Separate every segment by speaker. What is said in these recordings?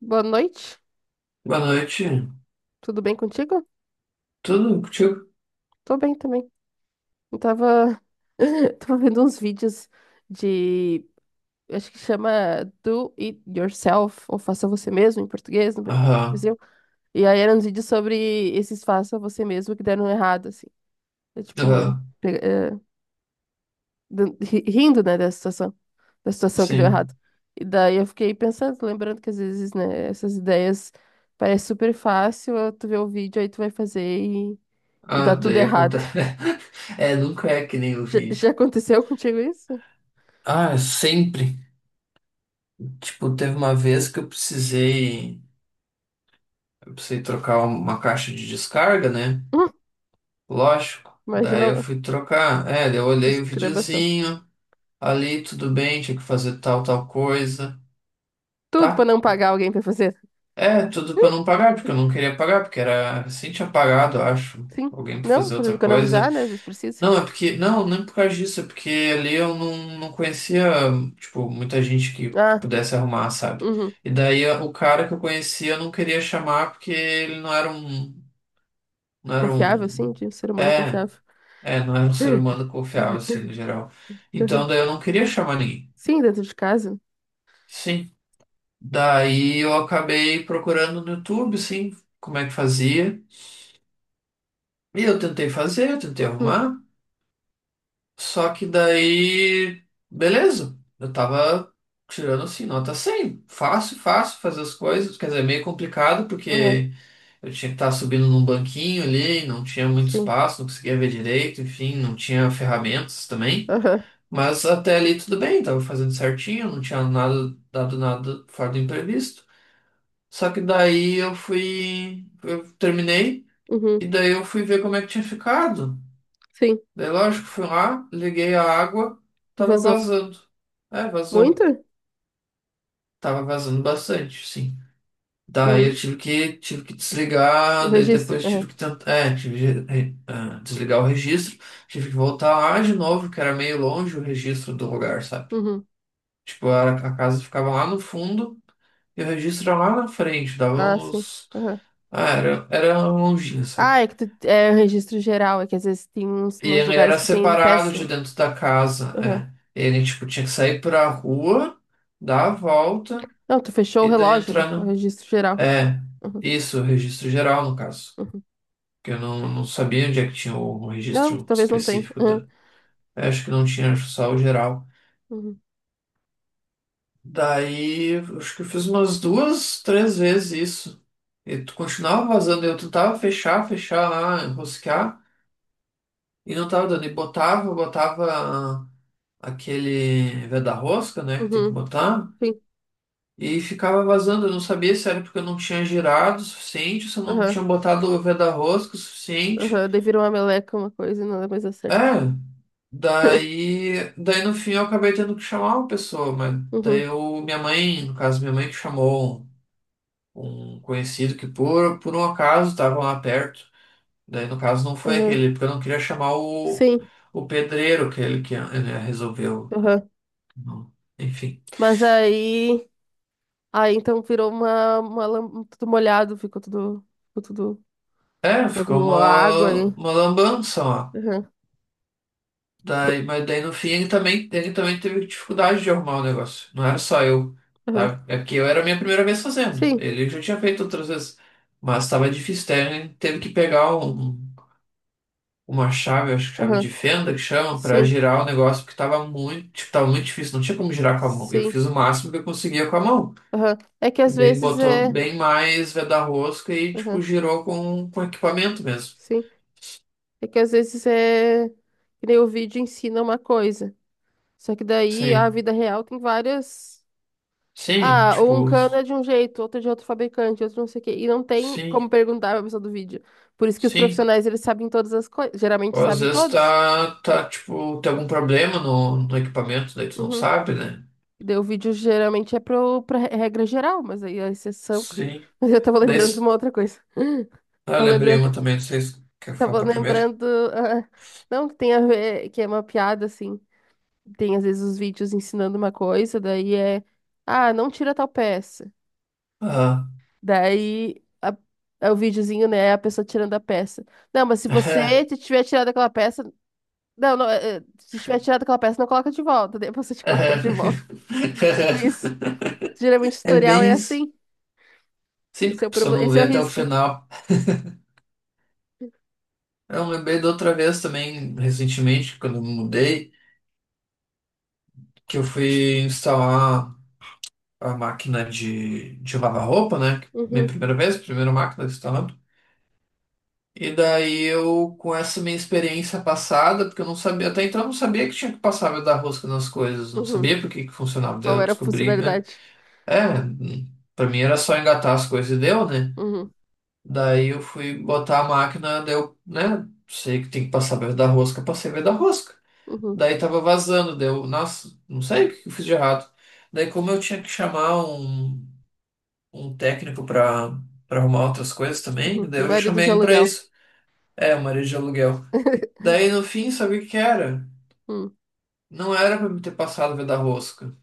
Speaker 1: Boa noite,
Speaker 2: Boa noite.
Speaker 1: tudo bem contigo?
Speaker 2: Tudo contigo?
Speaker 1: Tô bem também. Eu tava, tava vendo uns vídeos de, acho que chama Do It Yourself, ou Faça Você Mesmo em português, no
Speaker 2: Aham,
Speaker 1: Brasil. E aí eram uns vídeos sobre esses Faça Você Mesmo que deram errado, assim. É
Speaker 2: aham,
Speaker 1: rindo, né, da situação que deu errado.
Speaker 2: sim.
Speaker 1: E daí eu fiquei pensando, lembrando que às vezes, né, essas ideias parecem super fácil, tu vê o vídeo, aí tu vai fazer e
Speaker 2: Ah,
Speaker 1: dá tudo
Speaker 2: daí
Speaker 1: errado.
Speaker 2: acontece. É, nunca é que nem o
Speaker 1: Já,
Speaker 2: vídeo.
Speaker 1: já aconteceu contigo isso?
Speaker 2: Ah, é sempre. Tipo, teve uma vez que eu precisei. Eu precisei trocar uma caixa de descarga, né?
Speaker 1: Hum,
Speaker 2: Lógico.
Speaker 1: imagina
Speaker 2: Daí eu
Speaker 1: a
Speaker 2: fui trocar. É, daí eu olhei o
Speaker 1: escrabação.
Speaker 2: videozinho. Ali, tudo bem, tinha que fazer tal, tal coisa.
Speaker 1: Tudo pra
Speaker 2: Tá?
Speaker 1: não pagar alguém pra fazer.
Speaker 2: É, tudo pra não pagar, porque eu não queria pagar, porque era. Assim tinha pagado, eu acho.
Speaker 1: Sim.
Speaker 2: Alguém pra
Speaker 1: Não,
Speaker 2: fazer
Speaker 1: pra
Speaker 2: outra coisa.
Speaker 1: economizar, né? Às vezes precisa.
Speaker 2: Não, é porque. Não, nem por causa disso, é porque ali eu não conhecia, tipo, muita gente que
Speaker 1: Ah,
Speaker 2: pudesse arrumar, sabe?
Speaker 1: uhum.
Speaker 2: E daí o cara que eu conhecia eu não queria chamar porque ele não era um. Não era
Speaker 1: Confiável, sim,
Speaker 2: um.
Speaker 1: de um ser humano
Speaker 2: É,
Speaker 1: confiável.
Speaker 2: é, não era um ser humano confiável, assim, no geral. Então
Speaker 1: Uhum.
Speaker 2: daí eu não queria chamar ninguém.
Speaker 1: Sim, dentro de casa.
Speaker 2: Sim. Daí eu acabei procurando no YouTube, assim, como é que fazia. E eu tentei fazer, eu tentei
Speaker 1: Uhum.
Speaker 2: arrumar. Só que daí, beleza. Eu tava tirando assim, nota 100. Fácil, fácil fazer as coisas. Quer dizer, é meio complicado
Speaker 1: Aham.
Speaker 2: porque eu tinha que estar subindo num banquinho ali, não tinha muito
Speaker 1: Sim.
Speaker 2: espaço, não conseguia ver direito, enfim, não tinha ferramentas também.
Speaker 1: Aham.
Speaker 2: Mas até ali tudo bem, tava fazendo certinho, não tinha nada, dado nada fora do imprevisto. Só que daí eu fui, eu terminei
Speaker 1: Uhum.
Speaker 2: e daí eu fui ver como é que tinha ficado.
Speaker 1: Sim.
Speaker 2: Daí, lógico, fui lá, liguei a água,
Speaker 1: E
Speaker 2: tava
Speaker 1: vazou.
Speaker 2: vazando. É, vazou.
Speaker 1: Muito?
Speaker 2: Tava vazando bastante, sim. Daí eu
Speaker 1: Hum.
Speaker 2: tive que,
Speaker 1: O
Speaker 2: desligar, daí
Speaker 1: registro?
Speaker 2: depois tive
Speaker 1: Aham.
Speaker 2: que tentar, é, tive que desligar o registro, tive que voltar lá de novo, que era meio longe o registro do lugar, sabe?
Speaker 1: Uhum.
Speaker 2: Tipo, a casa ficava lá no fundo e o registro era lá na frente, dava
Speaker 1: Ah, sim.
Speaker 2: uns.
Speaker 1: Aham.
Speaker 2: Ah, era longinho,
Speaker 1: Ah,
Speaker 2: sabe?
Speaker 1: é que tu, é o registro geral, é que às vezes tem uns,
Speaker 2: E
Speaker 1: uns
Speaker 2: ele
Speaker 1: lugares
Speaker 2: era
Speaker 1: que tem
Speaker 2: separado de
Speaker 1: peça.
Speaker 2: dentro da casa, é. Ele, tipo, tinha que sair pra rua, dar a volta
Speaker 1: Não, tu fechou o
Speaker 2: e daí
Speaker 1: relógio, né?
Speaker 2: entrar
Speaker 1: É o
Speaker 2: no...
Speaker 1: registro geral.
Speaker 2: É,
Speaker 1: Uhum,
Speaker 2: isso, o registro geral, no caso.
Speaker 1: uhum.
Speaker 2: Que eu não sabia onde é que tinha o
Speaker 1: Não,
Speaker 2: registro
Speaker 1: talvez não tenha.
Speaker 2: específico
Speaker 1: Uhum,
Speaker 2: da... é, acho que não tinha, acho só o geral.
Speaker 1: uhum,
Speaker 2: Daí, acho que eu fiz umas duas, três vezes isso. E tu continuava vazando, eu tentava fechar, lá, enroscar, e não tava dando. E botava... aquele da rosca, né, que tem que
Speaker 1: uhum,
Speaker 2: botar,
Speaker 1: sim.
Speaker 2: e ficava vazando. Eu não sabia se era porque eu não tinha girado o suficiente, se eu não tinha
Speaker 1: Aham,
Speaker 2: botado o da rosca o suficiente.
Speaker 1: aham. Daí virou uma meleca, uma coisa, e não é mais a
Speaker 2: É,
Speaker 1: certo.
Speaker 2: daí no fim eu acabei tendo que chamar uma pessoa, mas daí
Speaker 1: Uhum,
Speaker 2: eu, minha mãe, no caso, minha mãe que chamou um conhecido que por um acaso estava lá perto. Daí no caso não foi
Speaker 1: aham.
Speaker 2: aquele, porque eu não queria chamar o,
Speaker 1: Sim,
Speaker 2: o pedreiro, aquele que resolveu.
Speaker 1: aham.
Speaker 2: Enfim.
Speaker 1: Mas aí. Aí então virou uma tudo molhado, ficou tudo. Ficou tudo.
Speaker 2: É, ficou
Speaker 1: Acabou a água
Speaker 2: uma,
Speaker 1: aí.
Speaker 2: uma lambança lá.
Speaker 1: Aham,
Speaker 2: Daí, mas daí no fim ele também teve dificuldade de arrumar o negócio. Não era só eu,
Speaker 1: aham.
Speaker 2: sabe? É porque eu era a minha primeira vez fazendo.
Speaker 1: Sim,
Speaker 2: Ele já tinha feito outras vezes. Mas estava difícil, daí ele teve que pegar uma chave, acho que chave de
Speaker 1: aham.
Speaker 2: fenda que chama, para
Speaker 1: Sim,
Speaker 2: girar o negócio, porque estava muito, tipo, tava muito difícil, não tinha como girar com a mão. Eu
Speaker 1: sim.
Speaker 2: fiz o máximo que eu conseguia com a mão.
Speaker 1: Aham. É que
Speaker 2: E
Speaker 1: às
Speaker 2: daí ele
Speaker 1: vezes
Speaker 2: botou
Speaker 1: é.
Speaker 2: bem mais veda-rosca e, tipo,
Speaker 1: Aham.
Speaker 2: girou com, equipamento mesmo.
Speaker 1: Sim. É que às vezes é que nem o vídeo ensina uma coisa. Só que daí a
Speaker 2: Sim.
Speaker 1: vida real tem várias.
Speaker 2: Sim,
Speaker 1: Ah, ou um
Speaker 2: tipo.
Speaker 1: cano é de um jeito, outro é de outro fabricante, outro não sei o quê. E não tem
Speaker 2: Sim,
Speaker 1: como perguntar pra pessoa do vídeo. Por isso que os
Speaker 2: sim.
Speaker 1: profissionais, eles sabem todas as coisas. Geralmente
Speaker 2: Ou às
Speaker 1: sabem
Speaker 2: vezes
Speaker 1: todos.
Speaker 2: tá, tipo, tem algum problema no equipamento, daí tu não
Speaker 1: Uhum.
Speaker 2: sabe, né?
Speaker 1: E daí o vídeo geralmente é pra regra geral, mas aí a exceção.
Speaker 2: Sim.
Speaker 1: Mas eu tava
Speaker 2: Daí,
Speaker 1: lembrando de uma outra coisa.
Speaker 2: eu
Speaker 1: Tava
Speaker 2: lembrei
Speaker 1: lembrando.
Speaker 2: uma também, não sei se quer
Speaker 1: Tava
Speaker 2: falar primeiro.
Speaker 1: lembrando. Ah, não, que tem a ver, que é uma piada, assim. Tem às vezes os vídeos ensinando uma coisa, ah, não tira tal peça.
Speaker 2: Ah.
Speaker 1: Daí a- é o videozinho, né, a pessoa tirando a peça. Não, mas se você tiver tirado aquela peça, se tiver tirado aquela peça, não coloca de volta, daí você te colocando de volta. Tipo isso. Geralmente o
Speaker 2: É
Speaker 1: tutorial
Speaker 2: bem
Speaker 1: é
Speaker 2: isso.
Speaker 1: assim.
Speaker 2: Sim,
Speaker 1: Esse
Speaker 2: porque
Speaker 1: é o
Speaker 2: a pessoa
Speaker 1: problema,
Speaker 2: não
Speaker 1: esse é
Speaker 2: vê
Speaker 1: o
Speaker 2: até o
Speaker 1: risco.
Speaker 2: final. Eu lembrei da outra vez também, recentemente, quando eu me mudei, que eu fui instalar a máquina de lavar roupa, né? Minha
Speaker 1: Uhum,
Speaker 2: primeira vez, primeira máquina que eu instalava. E daí eu, com essa minha experiência passada, porque eu não sabia, até então eu não sabia que tinha que passar a dar rosca nas coisas, não
Speaker 1: uhum.
Speaker 2: sabia por que que funcionava. Daí
Speaker 1: Qual
Speaker 2: eu
Speaker 1: era a
Speaker 2: descobri, né?
Speaker 1: funcionalidade?
Speaker 2: É, pra mim era só engatar as coisas e deu, né?
Speaker 1: Uhum,
Speaker 2: Daí eu fui botar a máquina, daí eu, né? Sei que tem que passar a dar rosca, passei a dar rosca.
Speaker 1: uhum,
Speaker 2: Daí tava vazando, deu, nossa, não sei o que eu fiz de errado. Daí como eu tinha que chamar um, técnico pra arrumar outras coisas também,
Speaker 1: uhum.
Speaker 2: daí eu já
Speaker 1: Marido
Speaker 2: chamei
Speaker 1: de
Speaker 2: ele pra
Speaker 1: aluguel.
Speaker 2: isso. É, o marido de aluguel. Daí no fim, sabe o que que era?
Speaker 1: Hum,
Speaker 2: Não era pra me ter passado o veda rosca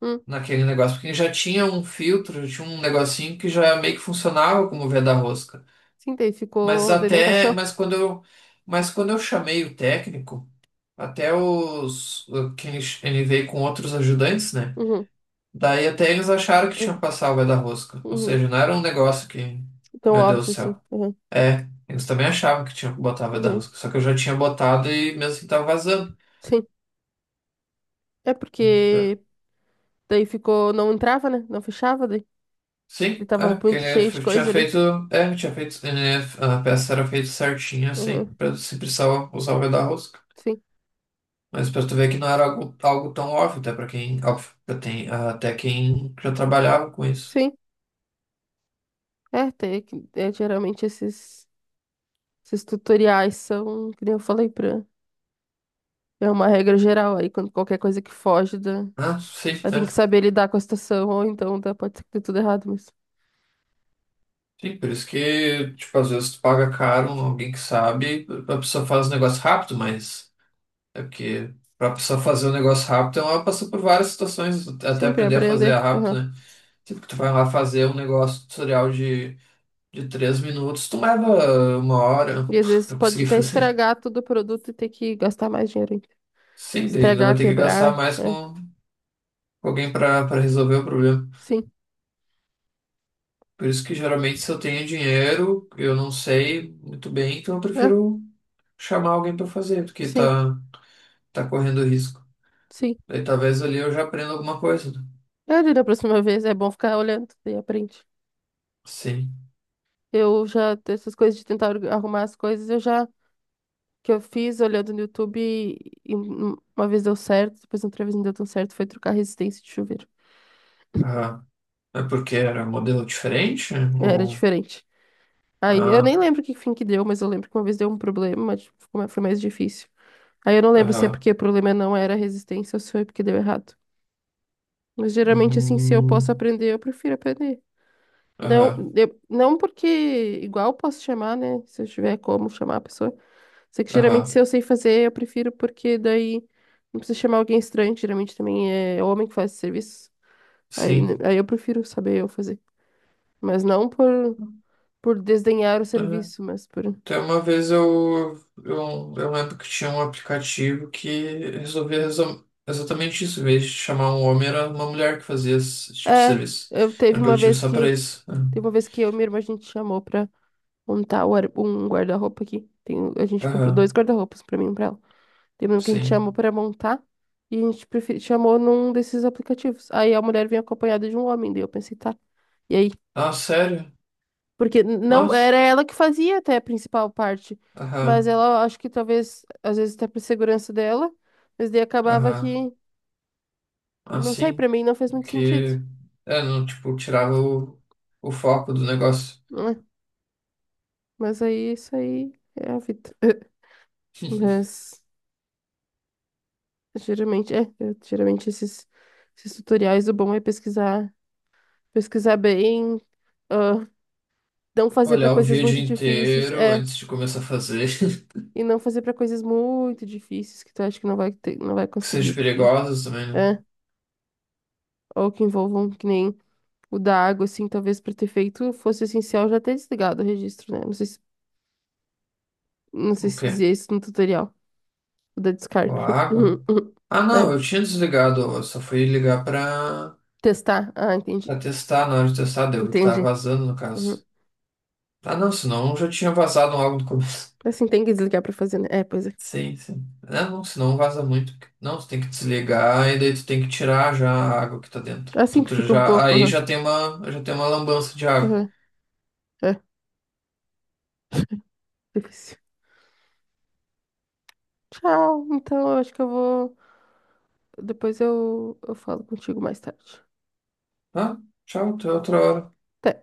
Speaker 1: hum.
Speaker 2: naquele negócio, porque já tinha um filtro, já tinha um negocinho que já meio que funcionava como veda rosca.
Speaker 1: Sim, daí
Speaker 2: Mas
Speaker 1: ficou, daí não
Speaker 2: até,
Speaker 1: encaixou?
Speaker 2: mas quando eu chamei o técnico, até que ele veio com outros ajudantes, né?
Speaker 1: Uhum,
Speaker 2: Daí até eles acharam que tinha
Speaker 1: uhum,
Speaker 2: passado o veda rosca, ou
Speaker 1: uhum.
Speaker 2: seja, não era um negócio que,
Speaker 1: Tão
Speaker 2: meu Deus do
Speaker 1: óbvio, sim.
Speaker 2: céu.
Speaker 1: Uhum.
Speaker 2: É, eles também achavam que tinha que botar o da
Speaker 1: Uhum.
Speaker 2: rosca, só que eu já tinha botado e mesmo assim tava vazando.
Speaker 1: Sim. É porque daí ficou. Não entrava, né? Não fechava, daí. Ele
Speaker 2: Sim,
Speaker 1: tava
Speaker 2: é, porque
Speaker 1: muito
Speaker 2: ele
Speaker 1: cheio de
Speaker 2: tinha
Speaker 1: coisa ali.
Speaker 2: feito. É, tinha feito. A peça era feita certinha, assim,
Speaker 1: Uhum.
Speaker 2: pra se precisava usar o V da rosca.
Speaker 1: Sim.
Speaker 2: Mas pra tu ver que não era algo, tão óbvio, até pra quem. Óbvio, pra tem, até quem já trabalhava com isso.
Speaker 1: Sim. É, tem, é geralmente esses tutoriais são, que nem eu falei pra. É uma regra geral aí, quando qualquer coisa que foge da.
Speaker 2: Ah, sim,
Speaker 1: Aí tem
Speaker 2: né?
Speaker 1: que saber lidar com a situação, ou então dá, pode ser que dê tudo errado, mas.
Speaker 2: Sim, por isso que, tipo, às vezes tu paga caro alguém que sabe, a pessoa faz o negócio rápido, mas é porque pra pessoa fazer o negócio rápido, ela passou por várias situações até
Speaker 1: Sim, pra
Speaker 2: aprender a fazer
Speaker 1: aprender. Uhum.
Speaker 2: rápido, né? Tipo, que tu vai lá fazer um negócio tutorial de 3 minutos tomava uma hora
Speaker 1: E às vezes
Speaker 2: pra
Speaker 1: pode
Speaker 2: conseguir
Speaker 1: até
Speaker 2: fazer.
Speaker 1: estragar todo o produto e ter que gastar mais dinheiro ainda.
Speaker 2: Sim, daí ainda vai
Speaker 1: Estragar,
Speaker 2: ter que gastar
Speaker 1: quebrar.
Speaker 2: mais
Speaker 1: É.
Speaker 2: com alguém pra para resolver o problema.
Speaker 1: Sim.
Speaker 2: Por isso que geralmente se eu tenho dinheiro, eu não sei muito bem, então eu
Speaker 1: É.
Speaker 2: prefiro chamar alguém pra fazer, porque
Speaker 1: Sim.
Speaker 2: tá correndo risco.
Speaker 1: Sim.
Speaker 2: Daí talvez ali eu já aprenda alguma coisa, né?
Speaker 1: É, daí da próxima vez é bom ficar olhando e aprende.
Speaker 2: Sim.
Speaker 1: Eu já, essas coisas de tentar arrumar as coisas, eu já, que eu fiz olhando no YouTube e uma vez deu certo, depois outra vez não deu tão certo, foi trocar a resistência de chuveiro.
Speaker 2: Aham. É porque era um modelo diferente?
Speaker 1: Era
Speaker 2: Ou.
Speaker 1: diferente. Aí, eu nem
Speaker 2: Ah,
Speaker 1: lembro que fim que deu, mas eu lembro que uma vez deu um problema, mas tipo, ficou foi mais difícil. Aí eu não lembro se é
Speaker 2: aham.
Speaker 1: porque o problema não era a resistência ou se foi porque deu errado. Mas geralmente, assim, se eu posso
Speaker 2: Hum,
Speaker 1: aprender, eu prefiro aprender.
Speaker 2: aham,
Speaker 1: Não porque igual posso chamar, né? Se eu tiver como chamar a pessoa. Só que geralmente se
Speaker 2: aham.
Speaker 1: eu sei fazer, eu prefiro porque daí não precisa chamar alguém estranho, geralmente também é homem que faz esse serviço. Aí,
Speaker 2: Sim.
Speaker 1: né, aí eu prefiro saber eu fazer. Mas não por, por desdenhar o
Speaker 2: É.
Speaker 1: serviço, mas por.
Speaker 2: Até uma vez eu, lembro que tinha um aplicativo que resolvia exatamente isso. Em vez de chamar um homem, era uma mulher que fazia esse tipo de
Speaker 1: É,
Speaker 2: serviço.
Speaker 1: eu teve
Speaker 2: Era um
Speaker 1: uma
Speaker 2: aplicativo
Speaker 1: vez
Speaker 2: só pra
Speaker 1: que.
Speaker 2: isso. Ah,
Speaker 1: Teve uma vez que eu e minha irmã a gente chamou pra montar um guarda-roupa aqui. Tem, a gente comprou
Speaker 2: aham,
Speaker 1: dois guarda-roupas pra mim e pra ela. Tem um que a gente chamou
Speaker 2: sim.
Speaker 1: para montar e a gente chamou num desses aplicativos. Aí a mulher vinha acompanhada de um homem, daí eu pensei, tá. E aí,
Speaker 2: Ah, sério?
Speaker 1: porque não
Speaker 2: Nossa.
Speaker 1: era ela que fazia até a principal parte, mas
Speaker 2: Aham,
Speaker 1: ela acho que talvez às vezes até por segurança dela, mas daí acabava
Speaker 2: aham.
Speaker 1: que,
Speaker 2: Ah,
Speaker 1: não sei,
Speaker 2: sim.
Speaker 1: para mim não fez muito sentido,
Speaker 2: Que, é, não, tipo, tirava o, foco do negócio.
Speaker 1: né? Mas aí isso aí é a vida. Mas geralmente geralmente esses tutoriais o bom é pesquisar, pesquisar bem. Ah, não fazer pra
Speaker 2: Olhar o
Speaker 1: coisas
Speaker 2: vídeo
Speaker 1: muito difíceis,
Speaker 2: inteiro
Speaker 1: é.
Speaker 2: antes de começar a fazer.
Speaker 1: E não fazer pra coisas muito difíceis que tu acha que não vai
Speaker 2: Que seja
Speaker 1: conseguir, porque
Speaker 2: perigosa também, né?
Speaker 1: é, ou que envolvam que nem o da água, assim, talvez pra ter feito fosse essencial já ter desligado o registro, né? Não sei
Speaker 2: O
Speaker 1: se
Speaker 2: quê?
Speaker 1: dizia isso no tutorial, o da
Speaker 2: A
Speaker 1: descarga.
Speaker 2: água?
Speaker 1: Uhum, uhum.
Speaker 2: Ah, não,
Speaker 1: É,
Speaker 2: eu tinha desligado, eu só fui ligar pra,
Speaker 1: testar. Ah, entendi.
Speaker 2: pra testar, na hora de testar, deu que tava
Speaker 1: Entendi.
Speaker 2: vazando, no
Speaker 1: Uhum.
Speaker 2: caso. Ah, não, senão já tinha vazado algo do começo.
Speaker 1: Assim tem que desligar pra fazer, né? É, pois é.
Speaker 2: Sim, sim. Ah, não, senão vaza muito. Não, tu tem que desligar e daí tu tem que tirar já a água que tá dentro.
Speaker 1: Assim
Speaker 2: Então,
Speaker 1: que
Speaker 2: tu
Speaker 1: fica um
Speaker 2: já,
Speaker 1: pouco.
Speaker 2: aí
Speaker 1: Aham,
Speaker 2: já tem uma lambança de água.
Speaker 1: aham, é, difícil. Tchau. Então, eu acho que eu vou. Eu falo contigo mais tarde.
Speaker 2: Ah, tchau, até outra hora.
Speaker 1: Te-